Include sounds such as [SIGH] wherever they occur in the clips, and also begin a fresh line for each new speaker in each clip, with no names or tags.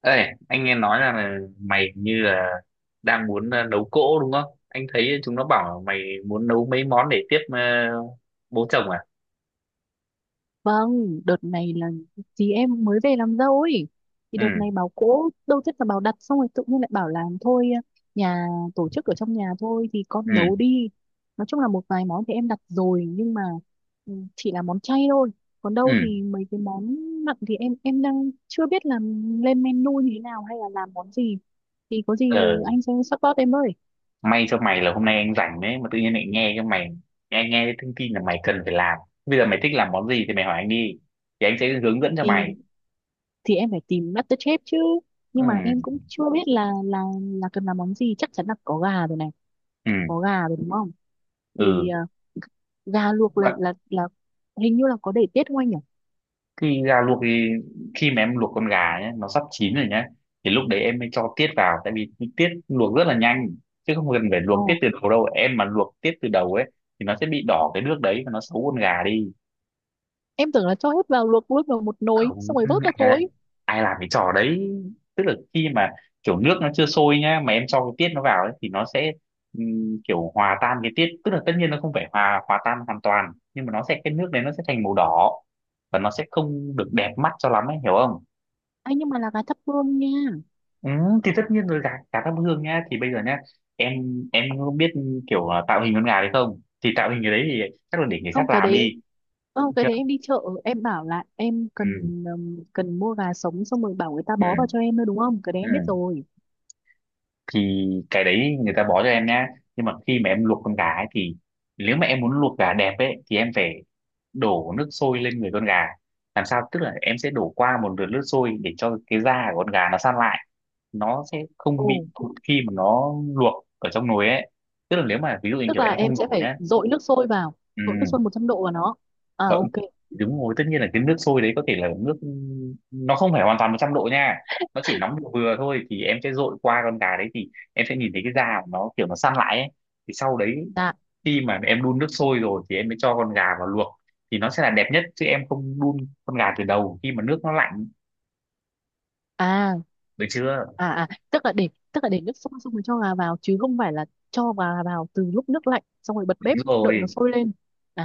Ê, anh nghe nói rằng là mày như là đang muốn nấu cỗ đúng không? Anh thấy chúng nó bảo mày muốn nấu mấy món để tiếp bố chồng à?
Vâng, đợt này là chị em mới về làm dâu ấy. Thì
Ừ,
đợt này bảo cỗ, đâu biết là bảo đặt xong rồi tự nhiên lại bảo làm thôi, nhà tổ chức ở trong nhà thôi thì con
ừ,
nấu đi. Nói chung là một vài món thì em đặt rồi nhưng mà ừ, chỉ là món chay thôi. Còn đâu
ừ.
thì mấy cái món mặn thì em đang chưa biết là lên menu như thế nào hay là làm món gì. Thì có gì
Ờ,
anh sẽ support em ơi.
may cho mày là hôm nay anh rảnh đấy mà tự nhiên lại nghe cái mày nghe nghe cái thông tin là mày cần phải làm. Bây giờ mày thích làm món gì thì mày hỏi anh đi. Thì anh sẽ hướng dẫn cho mày.
Thì thì em phải tìm MasterChef chứ.
Ừ,
Nhưng mà em cũng chưa biết là là cần làm món gì, chắc chắn là có gà rồi này,
ừ,
có gà rồi đúng không? Thì gà luộc là
ừ.
là là hình như là có để tiết không anh nhỉ?
Thì gà luộc thì khi mà em luộc con gà nhé, nó sắp chín rồi nhé, thì lúc đấy em mới cho tiết vào, tại vì tiết luộc rất là nhanh, chứ không cần phải luộc tiết
Ồ,
từ đầu đâu em. Mà luộc tiết từ đầu ấy thì nó sẽ bị đỏ cái nước đấy và nó xấu con gà đi.
em tưởng là cho hết vào luộc luôn vào một nồi
Không,
xong rồi vớt ra
ai,
thôi.
ai làm cái trò đấy. Tức là khi mà kiểu nước nó chưa sôi nhá mà em cho cái tiết nó vào ấy, thì nó sẽ kiểu hòa tan cái tiết, tức là tất nhiên nó không phải hòa hòa tan hoàn toàn, nhưng mà nó sẽ cái nước đấy nó sẽ thành màu đỏ và nó sẽ không được đẹp mắt cho lắm ấy, hiểu không?
Anh nhưng mà là gà thắp hương nha.
Ừ, thì tất nhiên rồi, gà gà thắp hương nhá. Thì bây giờ nhá, em em không biết kiểu tạo hình con gà hay không, thì tạo hình cái đấy thì chắc là để người
không
khác
cái
làm
đấy
đi,
Không,
được
cái
chưa?
đấy em đi chợ em bảo là em
Ừ,
cần, cần mua gà sống xong rồi bảo người ta bó vào
ừ,
cho em thôi, đúng không? Cái đấy
ừ.
em biết rồi.
Thì cái đấy người ta bó cho em nhá, nhưng mà khi mà em luộc con gà ấy thì nếu mà em muốn luộc gà đẹp ấy thì em phải đổ nước sôi lên người con gà. Làm sao, tức là em sẽ đổ qua một lượt nước sôi để cho cái da của con gà nó săn lại, nó sẽ
Ồ,
không bị cụt khi mà nó luộc ở trong nồi ấy. Tức là nếu mà ví dụ
tức
như
tức
kiểu
là
em
em
không
sẽ
đổ
phải
nhá. Ừ,
dội nước sôi 100 độ vào nó. À,
cỡ-
ok.
đúng rồi, tất nhiên là cái nước sôi đấy có thể là nước nó không phải hoàn toàn 100 độ nha, nó chỉ nóng vừa vừa thôi, thì em sẽ dội qua con gà đấy, thì em sẽ nhìn thấy cái da của nó kiểu nó săn lại ấy. Thì sau đấy
Dạ.
khi mà em đun nước sôi rồi thì em mới cho con gà vào luộc, thì nó sẽ là đẹp nhất, chứ em không đun con gà từ đầu khi mà nước nó lạnh,
à
được chưa?
à à tức là để nước sôi xong rồi cho gà vào chứ không phải là cho gà vào từ lúc nước lạnh xong rồi bật bếp
Đúng
đợi nó
rồi,
sôi lên.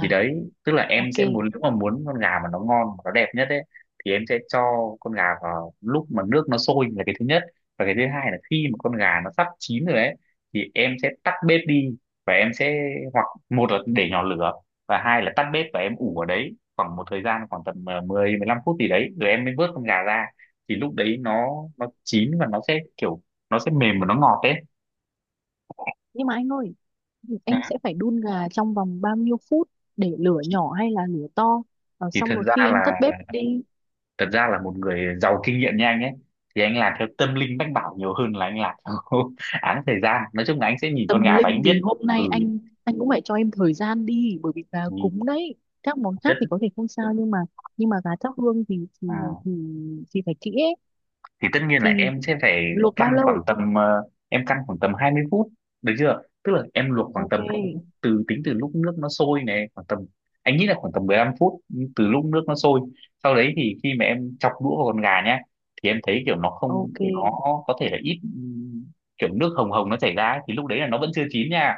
thì đấy, tức là em
ok.
sẽ muốn, nếu mà muốn con gà mà nó ngon mà nó đẹp nhất ấy, thì em sẽ cho con gà vào lúc mà nước nó sôi là cái thứ nhất. Và cái thứ hai là khi mà con gà nó sắp chín rồi ấy, thì em sẽ tắt bếp đi và em sẽ hoặc một là để nhỏ lửa và hai là tắt bếp và em ủ ở đấy khoảng một thời gian, khoảng tầm ờ, 10 15 phút gì đấy rồi em mới vớt con gà ra. Thì lúc đấy nó chín và nó sẽ kiểu nó sẽ mềm và nó ngọt ấy.
Nhưng mà anh ơi,
Ừ.
em sẽ phải đun gà trong vòng bao nhiêu phút? Để lửa
thì,
nhỏ hay là lửa to? Ờ,
thì
xong
thật
rồi
ra
khi em tắt
là
bếp đi.
thật ra là một người giàu kinh nghiệm như anh ấy, thì anh làm theo tâm linh mách bảo nhiều hơn là anh làm theo [LAUGHS] án thời gian. Nói chung là anh sẽ nhìn con
Tâm
gà và
linh
anh biết.
thì hôm nay
Ừ,
anh cũng phải cho em thời gian đi bởi vì gà cúng
nhìn
đấy. Các món
rất.
khác thì có thể không sao nhưng mà, nhưng mà gà thắp hương thì
à,
thì, thì phải kỹ ấy.
thì tất nhiên là
Thì
em sẽ phải
luộc bao
căn khoảng
lâu?
tầm em căn khoảng tầm 20 phút, được chưa? Tức là em luộc khoảng
Ok,
tầm 20 phút từ, tính từ lúc nước nó sôi này, khoảng tầm, anh nghĩ là khoảng tầm 15 phút từ lúc nước nó sôi. Sau đấy thì khi mà em chọc đũa vào con gà nhá, thì em thấy kiểu nó không,
ok.
nó có thể là ít kiểu nước hồng hồng nó chảy ra ấy, thì lúc đấy là nó vẫn chưa chín nha.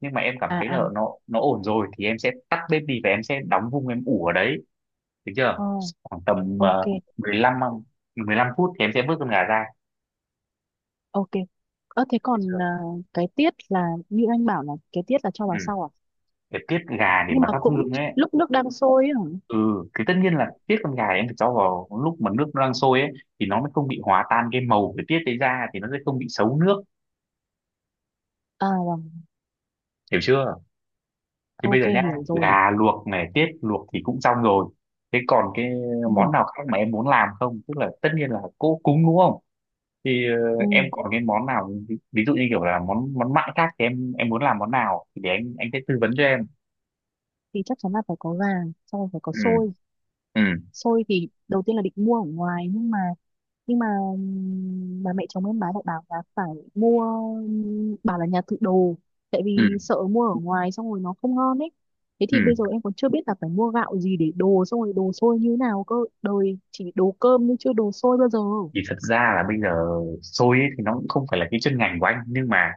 Nhưng mà em cảm
À,
thấy
à.
là nó ổn rồi thì em sẽ tắt bếp đi và em sẽ đóng vung em ủ ở đấy, được chưa?
Ồ,
Khoảng tầm
ok,
mười lăm mười lăm phút thì em sẽ vớt con gà ra.
ok. Ơ thế
Biết
còn
chưa?
cái tiết là như anh bảo là cái tiết là cho vào
Ừ.
sau à?
Để tiết gà để
Nhưng
mà
mà
thắp
cũng
hương ấy.
lúc nước đang sôi ấy hả?
Ừ, thì tất nhiên là tiết con gà em phải cho vào lúc mà nước nó đang sôi ấy, thì nó mới không bị hòa tan cái màu của tiết đấy ra, thì nó sẽ không bị xấu nước,
À vâng,
hiểu chưa? Thì bây
ok,
giờ nhá,
hiểu rồi.
gà luộc này, tiết luộc thì cũng xong rồi, thế còn cái
Ừ,
món nào khác mà em muốn làm không? Tức là tất nhiên là cỗ cúng đúng không, thì
ừ.
em còn cái món nào ví dụ như kiểu là món món mặn khác thì em muốn làm món nào thì để anh sẽ tư vấn cho em.
Thì chắc chắn là phải có gà, sau rồi phải có
Ừ,
xôi.
ừ,
Xôi thì đầu tiên là định mua ở ngoài nhưng mà, nhưng mà bà mẹ chồng em bà lại bảo là phải mua, bảo là nhà tự đồ tại vì
ừ,
sợ mua ở ngoài xong rồi nó không ngon ấy. Thế
ừ.
thì bây giờ em còn chưa biết là phải mua gạo gì để đồ xong rồi đồ xôi như thế nào cơ. Đời chỉ đồ cơm nhưng chưa đồ xôi bao giờ.
Thì thật ra là bây giờ xôi ấy thì nó cũng không phải là cái chuyên ngành của anh, nhưng mà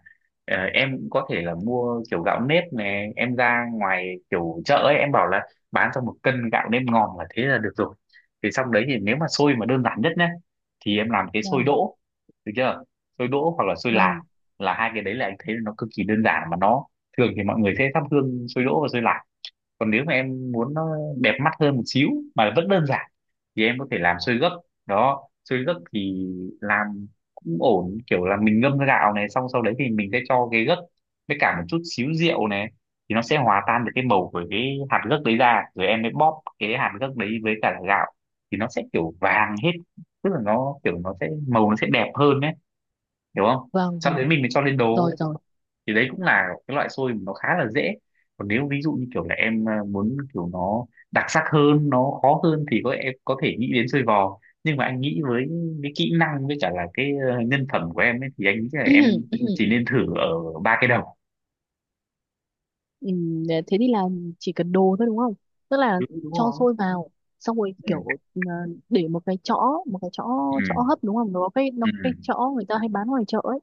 em cũng có thể là mua kiểu gạo nếp này, em ra ngoài kiểu chợ ấy, em bảo là bán cho một cân gạo nếp ngon là thế là được rồi. Thì xong đấy thì nếu mà xôi mà đơn giản nhất nhé, thì em làm cái xôi
Vâng,
đỗ, được chưa? Xôi đỗ hoặc là xôi lạc
vâng,
là hai cái đấy là anh thấy nó cực kỳ đơn giản mà nó, thường thì mọi người sẽ thắp hương xôi đỗ và xôi lạc. Còn nếu mà em muốn nó đẹp mắt hơn một xíu mà vẫn đơn giản thì em có thể làm sôi gấc. Đó, sôi gấc thì làm cũng ổn, kiểu là mình ngâm gạo này, xong sau đấy thì mình sẽ cho cái gấc với cả một chút xíu rượu này, thì nó sẽ hòa tan được cái màu của cái hạt gấc đấy ra, rồi em mới bóp cái hạt gấc đấy với cả là gạo, thì nó sẽ kiểu vàng hết. Tức là nó kiểu nó sẽ màu, nó sẽ đẹp hơn đấy, hiểu không?
vâng,
Sau đấy
vâng.
mình mới cho lên
Rồi,
đồ.
rồi.
Thì đấy cũng là cái loại xôi mà nó khá là dễ. Còn nếu ví dụ như kiểu là em muốn kiểu nó đặc sắc hơn, nó khó hơn, thì có em có thể nghĩ đến xôi vò. Nhưng mà anh nghĩ với cái kỹ năng với cả là cái nhân phẩm của em ấy, thì anh nghĩ là em chỉ
[CLEARS THROAT]
nên thử ở ba cái đầu.
Thế thì là chỉ cần đồ thôi đúng không? Tức là
Đúng, đúng
cho
rồi.
sôi vào xong rồi
Ừ,
kiểu, ờ, để một cái chõ, một cái chõ chõ
ừ,
hấp đúng không? Nó có cái nó
ừ,
có cái chõ người ta hay bán ngoài chợ ấy.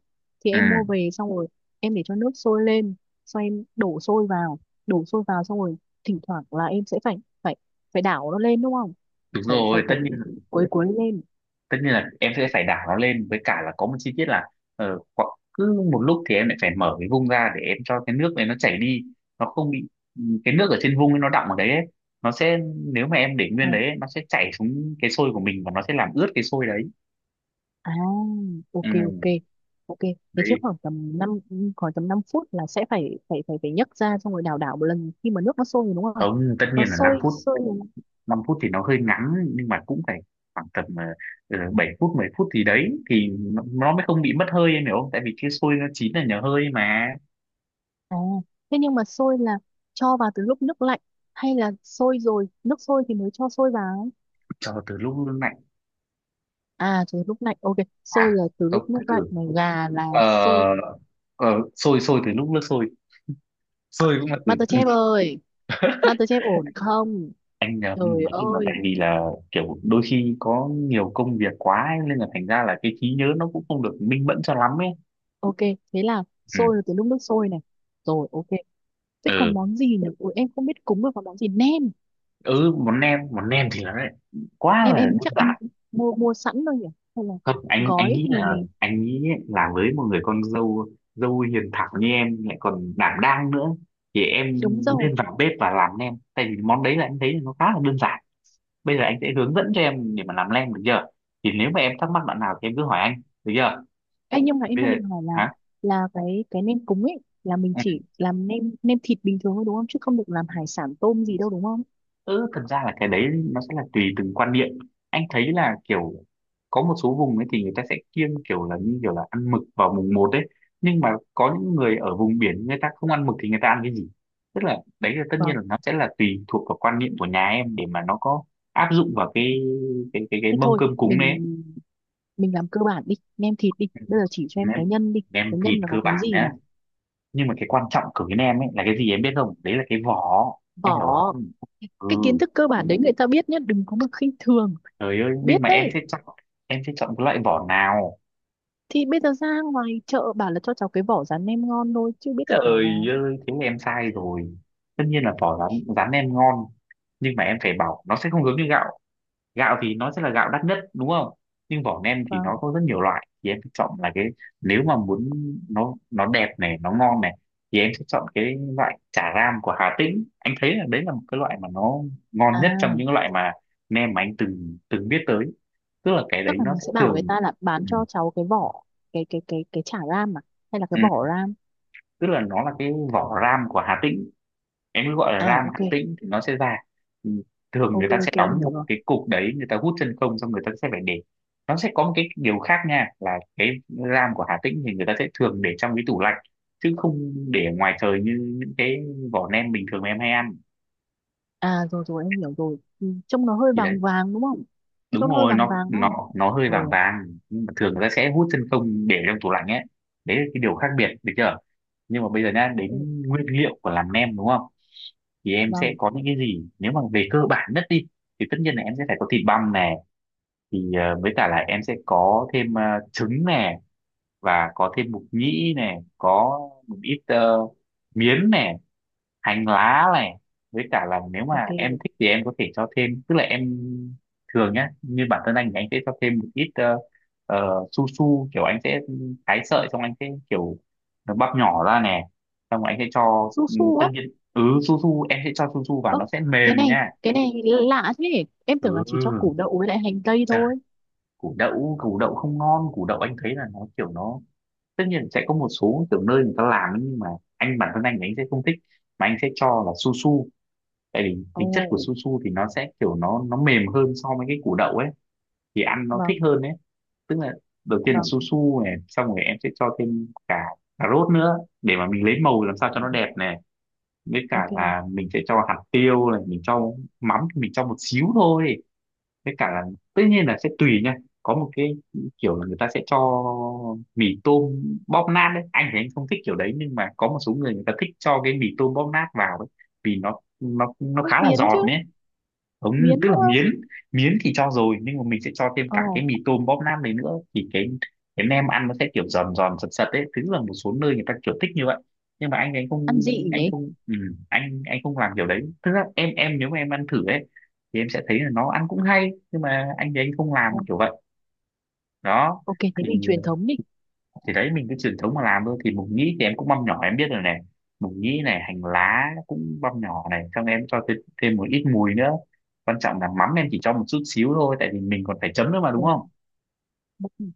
Thì
ừ.
em mua về xong rồi em để cho nước sôi lên, xong em đổ sôi vào, xong rồi thỉnh thoảng là em sẽ phải, phải phải đảo nó lên đúng không?
Đúng
Phải phải
rồi, tất
phải
nhiên,
quấy quấy lên.
tất nhiên là em sẽ phải đảo nó lên, với cả là có một chi tiết là khoảng cứ một lúc thì em lại phải mở cái vung ra để em cho cái nước này nó chảy đi, nó không bị, ừ, cái nước ở trên vung ấy nó đọng ở đấy ấy, nó sẽ, nếu mà em để
Ờ.
nguyên đấy ấy, nó sẽ chảy xuống cái sôi của mình và nó sẽ làm ướt cái sôi đấy.
À, ok,
Ừ,
ok, ok. Thế chứ
đấy.
khoảng tầm năm, khoảng tầm 5 phút là sẽ phải phải phải phải nhấc ra xong rồi đảo đảo một lần khi mà nước nó sôi rồi đúng không?
Không, tất
Nó
nhiên là 5
sôi
phút,
sôi rồi.
5 phút thì nó hơi ngắn, nhưng mà cũng phải khoảng tầm 7 phút, 10 phút, thì đấy thì nó mới không bị mất hơi, em hiểu không? Tại vì cái sôi nó chín là nhờ hơi mà.
À, thế nhưng mà sôi là cho vào từ lúc nước lạnh hay là sôi rồi, nước sôi thì mới cho sôi vào?
Cho từ lúc lạnh.
À, từ lúc lạnh. Ok,
à
sôi là từ
Không,
lúc nước
từ
lạnh
từ
mà gà là sôi.
ờ ờ, sôi, sôi từ lúc nước sôi. Sôi cũng là
MasterChef
từ.
ơi, MasterChef ổn không?
Anh nhầm,
Trời
nói chung là tại
ơi.
vì là kiểu đôi khi có nhiều công việc quá ấy, nên là thành ra là cái trí nhớ nó cũng không được minh mẫn cho lắm ấy.
Ok, thế là
Ừ,
sôi là từ lúc nước sôi này. Rồi, ok. Thế còn
ừ.
món gì nhỉ? Ủa, em không biết cúng được còn món gì. Nem.
Ừ, món nem, món nem thì nó lại quá
Nem
là
em
đơn
chắc em
giản.
mua mua sẵn thôi nhỉ? Hay là
Thật, anh
gói
nghĩ là
thì
anh nghĩ ấy, là với một người con dâu, dâu hiền thảo như em lại còn đảm đang nữa, thì em
đúng rồi.
nên vào bếp và làm nem, tại vì món đấy là em thấy là nó khá là đơn giản. Bây giờ anh sẽ hướng dẫn cho em để mà làm lem, được chưa? Thì nếu mà em thắc mắc đoạn nào thì em cứ hỏi anh, được chưa?
Ê, nhưng mà em
Bây
đang
giờ,
định hỏi là
hả?
là cái nem cúng ấy là mình
Ừ.
chỉ làm nem nem thịt bình thường thôi đúng không? Chứ không được làm hải sản tôm gì đâu đúng không?
Ừ, thật ra là cái đấy nó sẽ là tùy từng quan niệm. Anh thấy là kiểu có một số vùng ấy thì người ta sẽ kiêng kiểu là như kiểu là ăn mực vào mùng một ấy, nhưng mà có những người ở vùng biển người ta không ăn mực thì người ta ăn cái gì. Tức là đấy là tất nhiên
Vâng.
là nó sẽ là tùy thuộc vào quan niệm của nhà em để mà nó có áp dụng vào cái
Thế
mâm
thôi,
cơm cúng đấy ấy.
mình làm cơ bản đi, nem thịt đi.
Ừ.
Bây giờ chỉ cho em cái
Em
nhân đi.
nem
Cái
thịt
nhân là
cơ
có cái
bản
gì
nhá,
nào?
nhưng mà cái quan trọng của bên em ấy là cái gì em biết không, đấy là cái vỏ. Em hiểu
Vỏ.
không? Ừ,
Cái kiến thức cơ bản đấy người ta biết nhá, đừng có mà khinh thường.
trời ơi, nhưng
Biết
mà em
đấy.
sẽ chọn, em sẽ chọn cái loại vỏ nào?
Thì bây giờ ra ngoài chợ bảo là cho cháu cái vỏ rán nem ngon thôi chứ biết được
Trời
vỏ
ơi,
nào.
thế là em sai rồi. Tất nhiên là vỏ rán rán em ngon, nhưng mà em phải bảo nó sẽ không giống như gạo. Gạo thì nó sẽ là gạo đắt nhất đúng không, nhưng vỏ nem thì nó
Vâng.
có rất nhiều loại. Thì em sẽ chọn là cái, nếu mà muốn nó đẹp này nó ngon này, thì em sẽ chọn cái loại chả ram của Hà Tĩnh. Anh thấy là đấy là một cái loại mà nó ngon nhất trong những
À,
loại mà nem mà anh từng từng biết tới. Tức là cái đấy
chắc là
nó
mình
sẽ
sẽ bảo
thường,
người ta là bán
ừ,
cho cháu cái vỏ cái chả ram, à hay là cái
ừ,
vỏ ram.
tức là nó là cái vỏ ram của Hà Tĩnh. Em cứ gọi là
À,
ram
ok,
Hạt Tĩnh thì nó sẽ ra. Ừ, thường
ok,
người ta sẽ
ok, em
đóng
hiểu
một
rồi.
cái cục đấy, người ta hút chân không, xong người ta sẽ phải để. Nó sẽ có một cái điều khác nha, là cái ram của Hà Tĩnh thì người ta sẽ thường để trong cái tủ lạnh chứ không để ngoài trời như những cái vỏ nem bình thường mà em hay ăn.
À, rồi, rồi, em hiểu rồi. Ừ, trông nó hơi
Thì đấy,
vàng vàng đúng không?
đúng
Trông nó hơi
rồi,
vàng
nó
vàng đúng không?
nó hơi vàng
Rồi.
vàng. Nhưng mà thường người ta sẽ hút chân không để trong tủ lạnh ấy, đấy là cái điều khác biệt được chưa. Nhưng mà bây giờ nhá,
Ok.
đến nguyên liệu của làm nem đúng không, thì em sẽ
Vâng.
có những cái gì nếu mà về cơ bản nhất đi. Thì tất nhiên là em sẽ phải có thịt băm nè, thì với cả là em sẽ có thêm trứng nè, và có thêm mục nhĩ nè, có một ít miến nè, hành lá này. Với cả là nếu mà
Ok.
em thích thì em có thể cho thêm, tức là em thường nhá, như bản thân anh thì anh sẽ cho thêm một ít su su. Kiểu anh sẽ thái sợi, xong anh sẽ kiểu nó bắp nhỏ ra nè, xong rồi anh sẽ cho,
Su
ừ,
su
tất
á?
nhiên. Ừ, su su em sẽ cho su su vào
Ơ,
nó sẽ mềm nha.
cái này lạ thế, em tưởng là chỉ cho củ
Ừ,
đậu với lại hành tây thôi.
củ đậu, củ đậu không ngon, củ đậu anh thấy là nó kiểu nó, tất nhiên sẽ có một số kiểu nơi người ta làm ấy, nhưng mà anh, bản thân anh thì anh sẽ không thích, mà anh sẽ cho là su su. Tại vì
Ồ.
tính chất của su su thì nó sẽ kiểu nó mềm hơn so với cái củ đậu ấy, thì ăn nó thích
Vâng,
hơn đấy. Tức là đầu tiên là
vâng.
su su này, xong rồi em sẽ cho thêm cả cà rốt nữa để mà mình lấy màu làm sao cho nó đẹp này. Với cả
Ok.
là mình sẽ cho hạt tiêu này, mình cho mắm thì mình cho một xíu thôi. Với cả là tất nhiên là sẽ tùy nha, có một cái kiểu là người ta sẽ cho mì tôm bóp nát đấy. Anh thì anh không thích kiểu đấy, nhưng mà có một số người người ta thích cho cái mì tôm bóp nát vào ấy, vì nó nó
Không,
khá là
biến chứ,
giòn đấy. Không,
miến
tức là
đúng không?
miến, miến thì cho rồi, nhưng mà mình sẽ cho thêm
Ờ.
cả cái mì tôm bóp nam này nữa, thì cái nem ăn nó sẽ kiểu giòn giòn sật sật đấy, tức là một số nơi người ta kiểu thích như vậy. Nhưng mà
Ăn dị nhỉ.
anh không làm kiểu đấy. Thực ra em nếu mà em ăn thử ấy thì em sẽ thấy là nó ăn cũng hay, nhưng mà anh thì anh không làm
Ờ,
kiểu vậy đó.
ok, thế
Thì
mình truyền thống đi.
đấy, mình cái truyền thống mà làm thôi, thì mộc nhĩ thì em cũng băm nhỏ em biết rồi này, mộc nhĩ này hành lá cũng băm nhỏ này, xong em cho thêm, một ít mùi nữa. Quan trọng là mắm em chỉ cho một chút xíu thôi, tại vì mình còn phải chấm nữa mà đúng
Rồi,
không.
ok.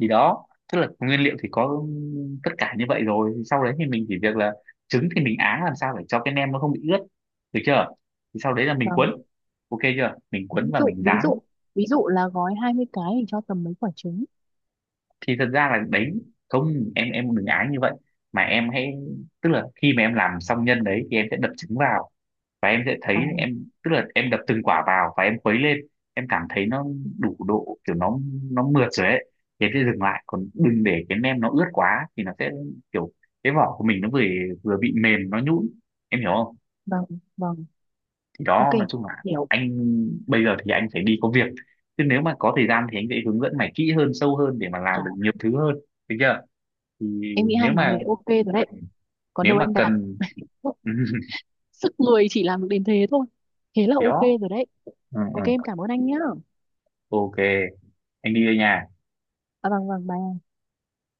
Thì đó, tức là nguyên liệu thì có tất cả như vậy rồi, sau đấy thì mình chỉ việc là trứng thì mình áng làm sao để cho cái nem nó không bị ướt, được chưa. Thì sau đấy là mình cuốn,
Vâng.
ok chưa, mình cuốn
ví
và
dụ
mình
ví
rán.
dụ Ví dụ là gói 20 cái thì cho tầm mấy quả trứng?
Thì thật ra là đấy, không em, em đừng ái như vậy, mà em hãy, tức là khi mà em làm xong nhân đấy thì em sẽ đập trứng vào. Và em sẽ thấy
À,
em, tức là em đập từng quả vào và em khuấy lên, em cảm thấy nó đủ độ kiểu nó mượt rồi ấy, thì em sẽ dừng lại. Còn đừng để cái nem nó ướt quá thì nó sẽ kiểu cái vỏ của mình nó vừa, vừa bị mềm nó nhũn, em hiểu không.
vâng, vâng.
Thì
Ok.
đó, nói chung là
Hiểu.
anh, bây giờ thì anh phải đi có việc, chứ nếu mà có thời gian thì anh sẽ hướng dẫn mày kỹ hơn sâu hơn để mà làm được
À,
nhiều thứ hơn, được chưa. Thì
em nghĩ hai
nếu
món
mà
đấy ok rồi đấy. Còn
nếu
đâu
mà
em đặt.
cần [LAUGHS]
Sức người chỉ làm được đến thế thôi. Thế là ok
gió,
rồi đấy.
ừ, ừ.
Ok, em cảm ơn anh nhá.
Ok, anh đi đây nha.
À, vâng, vâng, bye.